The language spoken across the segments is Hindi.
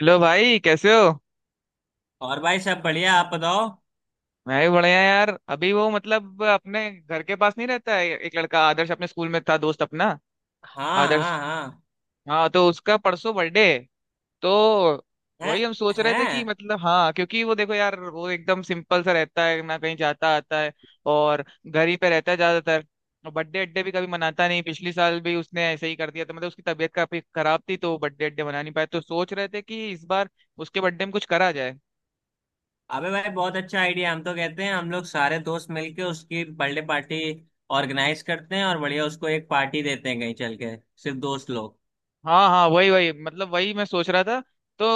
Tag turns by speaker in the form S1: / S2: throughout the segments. S1: हेलो भाई कैसे हो।
S2: और भाई सब बढ़िया। आप बताओ।
S1: मैं भी बढ़िया यार। अभी वो अपने घर के पास नहीं रहता है एक लड़का, आदर्श, अपने स्कूल में था, दोस्त अपना।
S2: हाँ
S1: आदर्श।
S2: हाँ हाँ।
S1: हाँ, तो उसका परसों बर्थडे है। तो
S2: हैं।
S1: वही हम सोच रहे थे कि
S2: हैं।
S1: हाँ, क्योंकि वो देखो यार वो एकदम सिंपल सा रहता है ना, कहीं जाता आता है और घर ही पे रहता है ज्यादातर। और बर्थडे अड्डे भी कभी मनाता नहीं, पिछले साल भी उसने ऐसे ही कर दिया तो उसकी तबीयत काफी खराब थी तो बर्थडे अड्डे मना नहीं पाया। तो सोच रहे थे कि इस बार उसके बर्थडे में कुछ करा जाए।
S2: अबे भाई बहुत अच्छा आइडिया। हम तो कहते हैं हम लोग सारे दोस्त मिलके उसकी बर्थडे पार्टी ऑर्गेनाइज करते हैं और बढ़िया उसको एक पार्टी देते हैं कहीं चल के। सिर्फ दोस्त लोग।
S1: हाँ हाँ, वही वही, मतलब वही मैं सोच रहा था। तो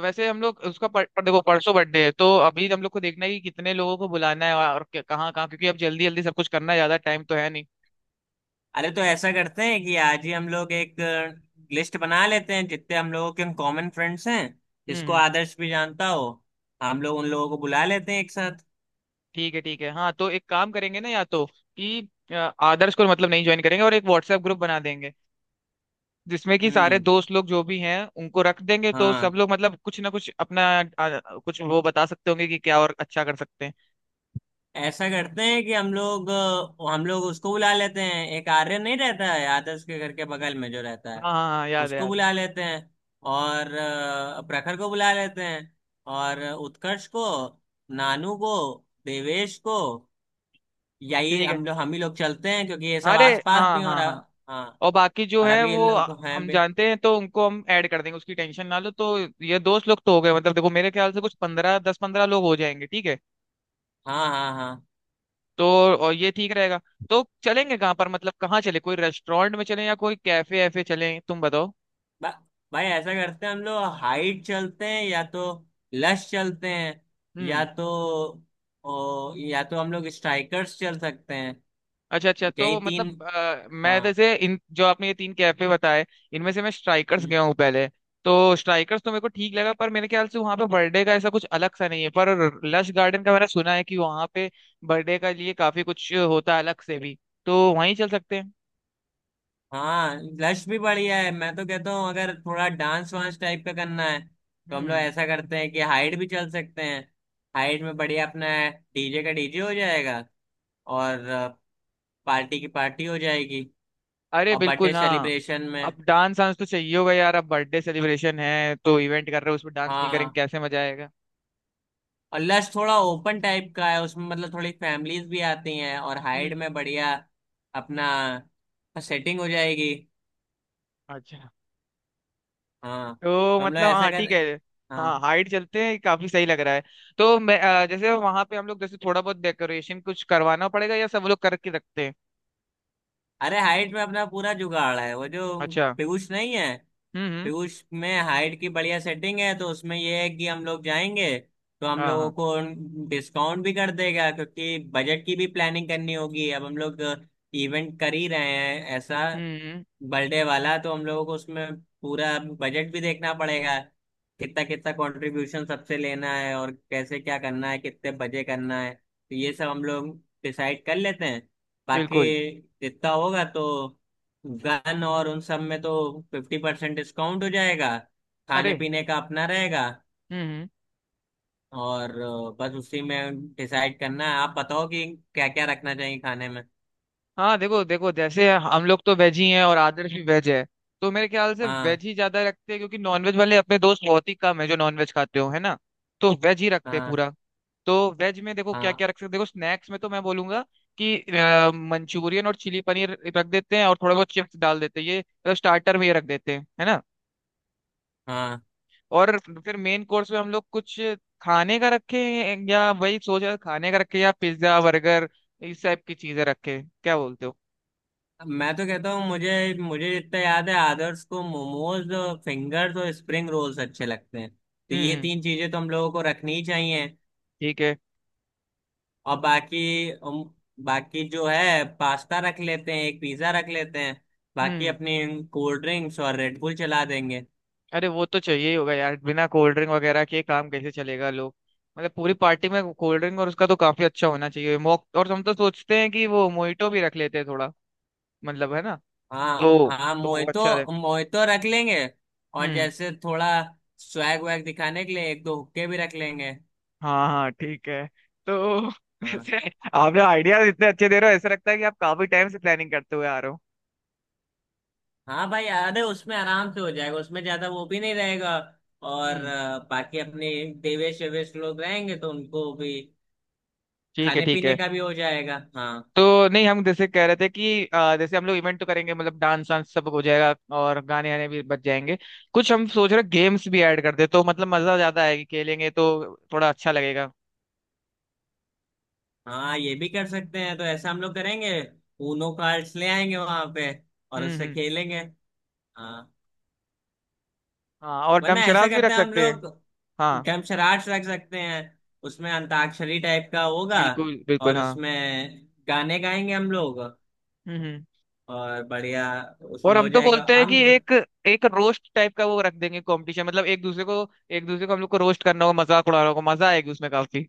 S1: वैसे हम लोग उसका पर देखो, परसों बर्थडे है तो अभी हम लोग को देखना है कि कितने लोगों को बुलाना है और कहाँ कहाँ, क्योंकि अब जल्दी जल्दी सब कुछ करना है, ज्यादा टाइम तो है नहीं।
S2: अरे तो ऐसा करते हैं कि आज ही हम लोग एक लिस्ट बना लेते हैं जितने हम लोगों के कॉमन फ्रेंड्स हैं जिसको
S1: हम्म।
S2: आदर्श भी जानता हो। हम लोग उन लोगों को बुला लेते हैं एक साथ।
S1: ठीक है, ठीक है। हाँ, तो एक काम करेंगे ना, या तो आदर्श को नहीं ज्वाइन करेंगे और एक व्हाट्सएप ग्रुप बना देंगे जिसमें कि सारे
S2: हम्म।
S1: दोस्त लोग जो भी हैं उनको रख देंगे, तो
S2: हाँ।
S1: सब लोग कुछ ना कुछ अपना कुछ वो बता सकते होंगे कि क्या और अच्छा कर सकते हैं।
S2: ऐसा करते हैं कि हम लोग, हम लोग उसको बुला लेते हैं। एक आर्यन नहीं रहता है आदर्श के घर के बगल में जो रहता है,
S1: हाँ हाँ हाँ, याद है
S2: उसको
S1: याद है।
S2: बुला लेते हैं। और प्रखर को बुला लेते हैं। और
S1: हाँ,
S2: उत्कर्ष को। नानू को। देवेश को। यही
S1: ठीक है।
S2: हम लोग हम ही लोग चलते हैं, क्योंकि ये सब
S1: अरे
S2: आसपास भी
S1: हाँ
S2: हैं। और
S1: हाँ हाँ।
S2: हाँ,
S1: और बाकी जो
S2: और
S1: है
S2: अभी ये
S1: वो
S2: लोग हैं
S1: हम
S2: भी।
S1: जानते हैं तो उनको हम ऐड कर देंगे, उसकी टेंशन ना लो। तो ये दोस्त लोग तो हो गए, देखो मेरे ख्याल से कुछ 15 10 15 लोग हो जाएंगे, ठीक है।
S2: हाँ हाँ हाँ।
S1: तो और ये ठीक रहेगा। तो चलेंगे कहाँ पर, कहाँ चले? कोई रेस्टोरेंट में चलें या कोई कैफे ऐफे चलें, तुम बताओ।
S2: बा, भाई, ऐसा करते हैं हम लोग हाइट चलते हैं, या तो लश चलते हैं,
S1: हम्म।
S2: या तो या तो हम लोग स्ट्राइकर्स चल सकते हैं।
S1: अच्छा अच्छा,
S2: यही
S1: तो
S2: तीन।
S1: मैं
S2: हाँ।
S1: जैसे इन जो आपने ये तीन कैफे बताए, इनमें से मैं स्ट्राइकर्स
S2: हम्म,
S1: गया हूँ पहले। तो स्ट्राइकर्स तो मेरे को ठीक लगा, पर मेरे ख्याल से वहां पे बर्थडे का ऐसा कुछ अलग सा नहीं है, पर लश गार्डन का मैंने सुना है कि वहां पे बर्थडे का लिए काफी कुछ होता है अलग से भी। तो वहीं चल सकते हैं।
S2: हाँ, लश भी बढ़िया है। मैं तो कहता हूँ अगर थोड़ा डांस वांस टाइप का करना है तो हम लोग
S1: हम्म।
S2: ऐसा करते हैं कि हाइट भी चल सकते हैं। हाइट में बढ़िया अपना डीजे का डीजे हो जाएगा, और पार्टी की पार्टी हो जाएगी,
S1: अरे
S2: और बर्थडे
S1: बिल्कुल हाँ।
S2: सेलिब्रेशन में।
S1: अब डांस वांस तो चाहिए होगा यार, अब बर्थडे सेलिब्रेशन है तो इवेंट कर रहे हो उसमें डांस नहीं करेंगे,
S2: हाँ,
S1: कैसे मजा आएगा।
S2: और लश थोड़ा ओपन टाइप का है, उसमें मतलब थोड़ी फैमिलीज भी आती हैं, और
S1: हम्म।
S2: हाइड में बढ़िया अपना सेटिंग हो जाएगी।
S1: अच्छा।
S2: हाँ,
S1: तो
S2: तो हम लोग ऐसा
S1: हाँ ठीक
S2: कर।
S1: है। हाँ,
S2: हाँ।
S1: हाइट चलते हैं, काफी सही लग रहा है। तो जैसे वहां पे हम लोग जैसे थोड़ा बहुत डेकोरेशन कुछ करवाना पड़ेगा या सब लोग करके रखते हैं?
S2: अरे हाइट में अपना पूरा जुगाड़ है। वो जो
S1: अच्छा।
S2: पीयूष नहीं है,
S1: हम्म।
S2: पीयूष में हाइट की बढ़िया सेटिंग है, तो उसमें ये है कि हम लोग जाएंगे तो हम
S1: हाँ
S2: लोगों
S1: हाँ।
S2: को डिस्काउंट भी कर देगा, क्योंकि बजट की भी प्लानिंग करनी होगी। अब हम लोग इवेंट कर ही रहे हैं ऐसा
S1: हम्म हम्म,
S2: बर्थडे वाला, तो हम लोगों को उसमें पूरा बजट भी देखना पड़ेगा। कितना कितना कंट्रीब्यूशन सबसे लेना है, और कैसे क्या करना है, कितने बजे करना है, तो ये सब हम लोग डिसाइड कर लेते हैं। बाकी
S1: बिल्कुल।
S2: जितना होगा तो गन और उन सब में तो 50% डिस्काउंट हो जाएगा। खाने
S1: अरे।
S2: पीने का अपना रहेगा।
S1: हम्म।
S2: और बस उसी में डिसाइड करना है। आप बताओ कि क्या क्या रखना चाहिए खाने में।
S1: हाँ, देखो देखो, जैसे हम लोग तो वेज ही हैं और आदर्श भी वेज है। तो मेरे ख्याल से
S2: हाँ।
S1: वेज ही ज्यादा रखते हैं, क्योंकि नॉनवेज वाले अपने दोस्त बहुत ही कम है जो नॉनवेज खाते हो, है ना। तो वेज ही रखते हैं
S2: हाँ
S1: पूरा। तो वेज में देखो क्या
S2: हाँ
S1: क्या रख सकते हैं। देखो, स्नैक्स में तो मैं बोलूंगा मंचूरियन और चिली पनीर रख देते हैं और थोड़ा बहुत चिप्स डाल देते हैं। ये स्टार्टर में ये रख देते हैं, है ना।
S2: हाँ।
S1: और फिर मेन कोर्स में हम लोग कुछ खाने का रखे या वही सोच रहे हैं, खाने का रखे या पिज्जा बर्गर इस टाइप की चीजें रखे, क्या बोलते हो?
S2: मैं तो कहता हूँ, मुझे मुझे जितना याद है आदर्श को मोमोज, फिंगर्स और स्प्रिंग रोल्स अच्छे लगते हैं, तो ये
S1: हम्म।
S2: तीन चीजें तो हम लोगों को रखनी ही चाहिए।
S1: ठीक है।
S2: और बाकी जो है पास्ता रख लेते हैं, एक पिज्जा रख लेते हैं। बाकी
S1: हम्म।
S2: अपनी कोल्ड ड्रिंक्स और रेड बुल चला देंगे।
S1: अरे वो तो चाहिए ही होगा यार, बिना कोल्ड ड्रिंक वगैरह के काम कैसे चलेगा लोग। पूरी पार्टी में कोल्ड ड्रिंक और उसका तो काफी अच्छा होना चाहिए, मॉक। और हम तो सोचते हैं कि वो मोहितो भी रख लेते हैं थोड़ा, है ना।
S2: हाँ। हाँ,
S1: तो वो
S2: मोहितो,
S1: अच्छा रहे।
S2: मोहितो रख लेंगे। और
S1: हम्म।
S2: जैसे थोड़ा स्वैग वैग दिखाने के लिए एक दो हुक्के भी रख लेंगे।
S1: हाँ हाँ ठीक है। तो
S2: हाँ।
S1: वैसे आपने आइडियाज इतने अच्छे दे रहे हो, ऐसा लगता है कि आप काफी टाइम से प्लानिंग करते हुए आ रहे हो।
S2: हाँ भाई, अरे उसमें आराम से हो जाएगा, उसमें ज्यादा वो भी नहीं रहेगा। और
S1: हम्म।
S2: बाकी अपने देवेश वेवेश लोग रहेंगे तो उनको भी
S1: ठीक है,
S2: खाने
S1: ठीक
S2: पीने
S1: है।
S2: का भी हो जाएगा। हाँ।
S1: तो नहीं, हम जैसे कह रहे थे जैसे हम लोग इवेंट तो करेंगे डांस वांस सब हो जाएगा और गाने आने भी बच जाएंगे, कुछ हम सोच रहे गेम्स भी ऐड कर दे तो मजा ज्यादा आएगी, खेलेंगे तो थोड़ा अच्छा लगेगा।
S2: हाँ, ये भी कर सकते हैं, तो ऐसा हम लोग करेंगे ऊनो कार्ड्स ले आएंगे वहां पे, और उससे
S1: हम्म।
S2: खेलेंगे। हाँ।
S1: हाँ, और
S2: वरना ऐसा
S1: डमशरास भी
S2: करते
S1: रख
S2: हैं हम
S1: सकते हैं।
S2: लोग
S1: हाँ।
S2: डमशराट रख सकते हैं। उसमें अंताक्षरी टाइप का होगा,
S1: बिल्कुल बिल्कुल
S2: और
S1: हाँ।
S2: उसमें गाने गाएंगे हम लोग,
S1: हम्म।
S2: और बढ़िया
S1: और
S2: उसमें
S1: हम
S2: हो
S1: तो
S2: जाएगा
S1: बोलते हैं
S2: हम।
S1: कि एक एक रोस्ट टाइप का वो रख देंगे, कंपटीशन, एक दूसरे को, एक दूसरे को हम लोग को रोस्ट करना होगा, मजाक उड़ाना होगा, मजा आएगी उसमें काफी।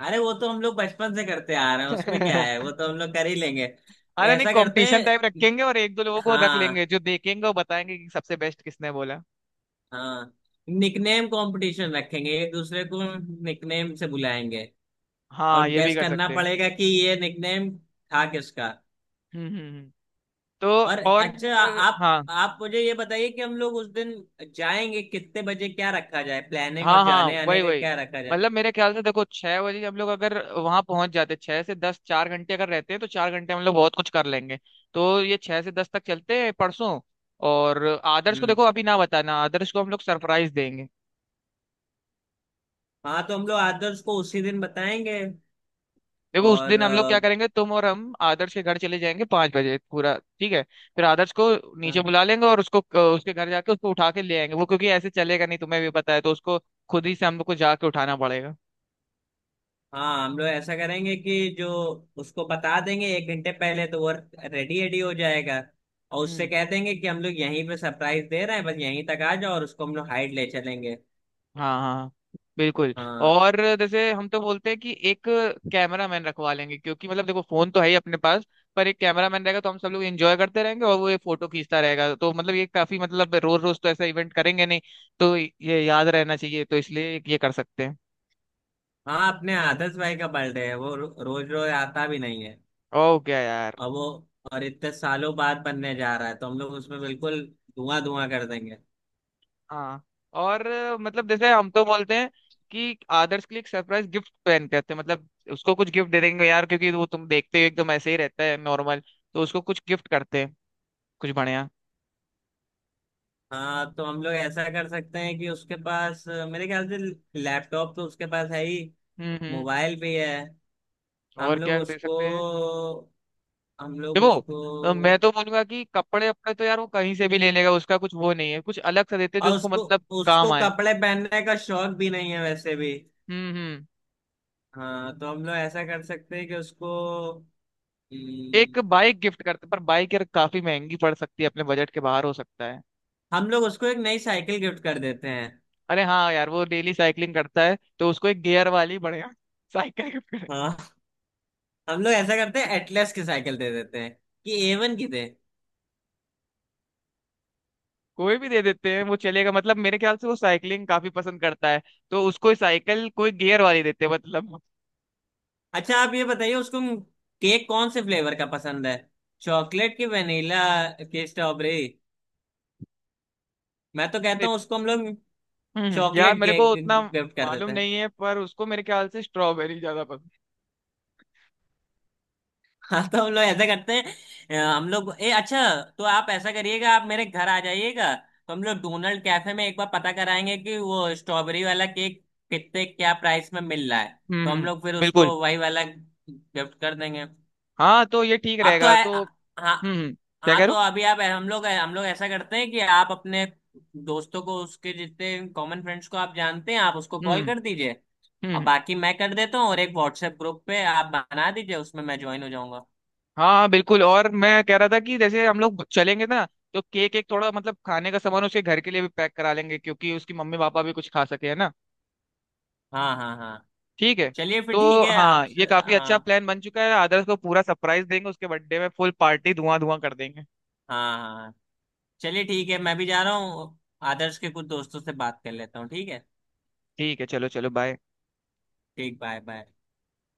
S2: अरे वो तो हम लोग बचपन से करते आ रहे हैं, उसमें क्या है, वो तो हम लोग कर ही लेंगे।
S1: अरे नहीं,
S2: ऐसा करते
S1: कंपटीशन टाइप
S2: हैं।
S1: रखेंगे और एक दो लोगों को रख लेंगे जो
S2: हाँ।
S1: देखेंगे, वो बताएंगे कि सबसे बेस्ट किसने बोला।
S2: हाँ। निकनेम कंपटीशन रखेंगे, एक दूसरे को निकनेम से बुलाएंगे,
S1: हाँ,
S2: और
S1: ये भी
S2: गैस
S1: कर
S2: करना
S1: सकते हैं।
S2: पड़ेगा कि ये निकनेम था किसका।
S1: हम्म हम्म हम्म। तो
S2: और
S1: और
S2: अच्छा, आप
S1: हाँ
S2: आप मुझे ये बताइए कि हम लोग उस दिन जाएंगे कितने बजे, क्या रखा जाए प्लानिंग,
S1: हाँ
S2: और
S1: हाँ,
S2: जाने आने
S1: वही
S2: का
S1: वही।
S2: क्या रखा जाए।
S1: मेरे ख्याल से देखो, 6 बजे हम लोग अगर वहां पहुंच जाते, 6 से 10, 4 घंटे अगर रहते हैं तो 4 घंटे हम लोग बहुत कुछ कर लेंगे। तो ये 6 से 10 तक चलते हैं परसों। और आदर्श को
S2: हम्म।
S1: देखो अभी ना बताना, आदर्श को हम लोग सरप्राइज देंगे।
S2: हाँ, तो हम लोग आदर्श को उसी दिन बताएंगे।
S1: देखो उस
S2: और
S1: दिन हम लोग क्या करेंगे, तुम और हम आदर्श के घर चले जाएंगे 5 बजे पूरा, ठीक है। फिर आदर्श को नीचे बुला लेंगे और उसको उसके घर जाके उसको उठा के ले आएंगे, वो क्योंकि ऐसे चलेगा नहीं, तुम्हें भी पता है। तो उसको खुद ही से हम लोग को जाके उठाना पड़ेगा।
S2: हाँ, हम लोग ऐसा करेंगे कि जो उसको बता देंगे 1 घंटे पहले तो वो रेडी रेडी हो जाएगा, और उससे
S1: हम्म।
S2: कह देंगे कि हम लोग यहीं पे सरप्राइज दे रहे हैं, बस यहीं तक आ जाओ, और उसको हम लोग हाइड ले चलेंगे।
S1: हाँ हाँ। बिल्कुल।
S2: हाँ
S1: और जैसे हम तो बोलते हैं कि एक कैमरा मैन रखवा लेंगे, क्योंकि देखो फोन तो है ही अपने पास, पर एक कैमरा मैन रहेगा तो हम सब लोग एंजॉय करते रहेंगे और वो ये फोटो खींचता रहेगा। तो मतलब ये काफी मतलब रोज रोज तो ऐसा इवेंट करेंगे नहीं, तो ये याद रहना चाहिए, तो इसलिए ये कर सकते हैं।
S2: हाँ। अपने आदर्श भाई का बर्थडे है, वो रोज रोज आता भी नहीं है।
S1: ओके यार।
S2: और वो, और इतने सालों बाद बनने जा रहा है तो हम लोग उसमें बिल्कुल धुआं धुआं कर देंगे।
S1: हाँ जैसे हम तो बोलते हैं कि आदर्श के लिए एक सरप्राइज गिफ्ट प्लान करते हैं, उसको कुछ गिफ्ट दे देंगे यार, क्योंकि वो तुम देखते हो एकदम ऐसे ही रहता है, नॉर्मल। तो उसको कुछ गिफ्ट करते हैं, कुछ बढ़िया।
S2: हाँ, तो हम लोग ऐसा कर सकते हैं कि उसके पास, मेरे ख्याल से लैपटॉप तो उसके पास है ही,
S1: हम्म।
S2: मोबाइल भी है।
S1: और
S2: हम लोग
S1: क्या दे
S2: उसको,
S1: सकते हैं?
S2: हम लोग
S1: देखो
S2: उसको,
S1: मैं तो बोलूंगा कि कपड़े वपड़े तो यार वो कहीं से भी ले लेगा, उसका कुछ वो नहीं है, कुछ अलग सा देते जो
S2: और
S1: उसको
S2: उसको
S1: काम
S2: उसको
S1: आए।
S2: कपड़े पहनने का शौक भी नहीं है वैसे भी।
S1: हम्म।
S2: हाँ, तो हम लोग ऐसा कर सकते हैं कि उसको,
S1: एक
S2: हम्म,
S1: बाइक गिफ्ट करते, पर बाइक यार काफी महंगी पड़ सकती है, अपने बजट के बाहर हो सकता है।
S2: हम लोग उसको एक नई साइकिल गिफ्ट कर देते हैं।
S1: अरे हाँ यार, वो डेली साइकिलिंग करता है तो उसको एक गियर वाली बढ़िया साइकिल गिफ्ट करें।
S2: हाँ, हम लोग ऐसा करते हैं एटलस की साइकिल दे देते हैं, कि एवन की दे।
S1: कोई भी दे देते हैं, वो चलेगा। मेरे ख्याल से वो साइकिलिंग काफी पसंद करता है, तो उसको साइकिल कोई गियर वाली देते हैं, मतलब।
S2: अच्छा, आप ये बताइए उसको केक कौन से फ्लेवर का पसंद है? चॉकलेट की वनीला की स्ट्रॉबेरी? मैं तो कहता हूँ उसको हम लोग
S1: हम्म, यार
S2: चॉकलेट
S1: मेरे को
S2: केक
S1: उतना
S2: गिफ्ट कर
S1: मालूम
S2: देते हैं।
S1: नहीं है, पर उसको मेरे ख्याल से स्ट्रॉबेरी ज्यादा पसंद
S2: हाँ, तो हम लोग ऐसा करते हैं, हम लोग ए अच्छा, तो आप ऐसा करिएगा आप मेरे घर आ जाइएगा तो हम लोग डोनाल्ड कैफे में एक बार पता कराएंगे कि वो स्ट्रॉबेरी वाला केक कितने क्या प्राइस में मिल रहा है,
S1: है।
S2: तो हम लोग फिर
S1: बिल्कुल।
S2: उसको वही वाला गिफ्ट कर देंगे।
S1: हाँ, तो ये ठीक
S2: आप तो
S1: रहेगा। तो
S2: हाँ।
S1: हम्म हम्म, क्या
S2: हाँ,
S1: कह
S2: तो
S1: रहा
S2: अभी आप, हम लोग ऐसा करते हैं कि आप अपने दोस्तों को, उसके जितने कॉमन फ्रेंड्स को आप जानते हैं, आप उसको
S1: हूँ।
S2: कॉल कर दीजिए, और
S1: हम्म।
S2: बाकी मैं कर देता हूँ, और एक व्हाट्सएप ग्रुप पे आप बना दीजिए, उसमें मैं ज्वाइन हो जाऊंगा।
S1: हाँ हाँ, बिल्कुल। और मैं कह रहा था कि जैसे हम लोग चलेंगे ना तो केक एक थोड़ा खाने का सामान उसके घर के लिए भी पैक करा लेंगे क्योंकि उसकी मम्मी पापा भी कुछ खा सके, है ना।
S2: हाँ हाँ हाँ।
S1: ठीक है।
S2: चलिए फिर
S1: तो
S2: ठीक है आप।
S1: हाँ, ये काफी अच्छा
S2: हाँ।
S1: प्लान बन चुका है, आदर्श को पूरा सरप्राइज देंगे, उसके बर्थडे में फुल पार्टी धुआं धुआं कर देंगे।
S2: हाँ हाँ चलिए ठीक है, मैं भी जा रहा हूँ, आदर्श के कुछ दोस्तों से बात कर लेता हूँ, ठीक है।
S1: ठीक है, चलो चलो, बाय।
S2: ठीक, बाय बाय।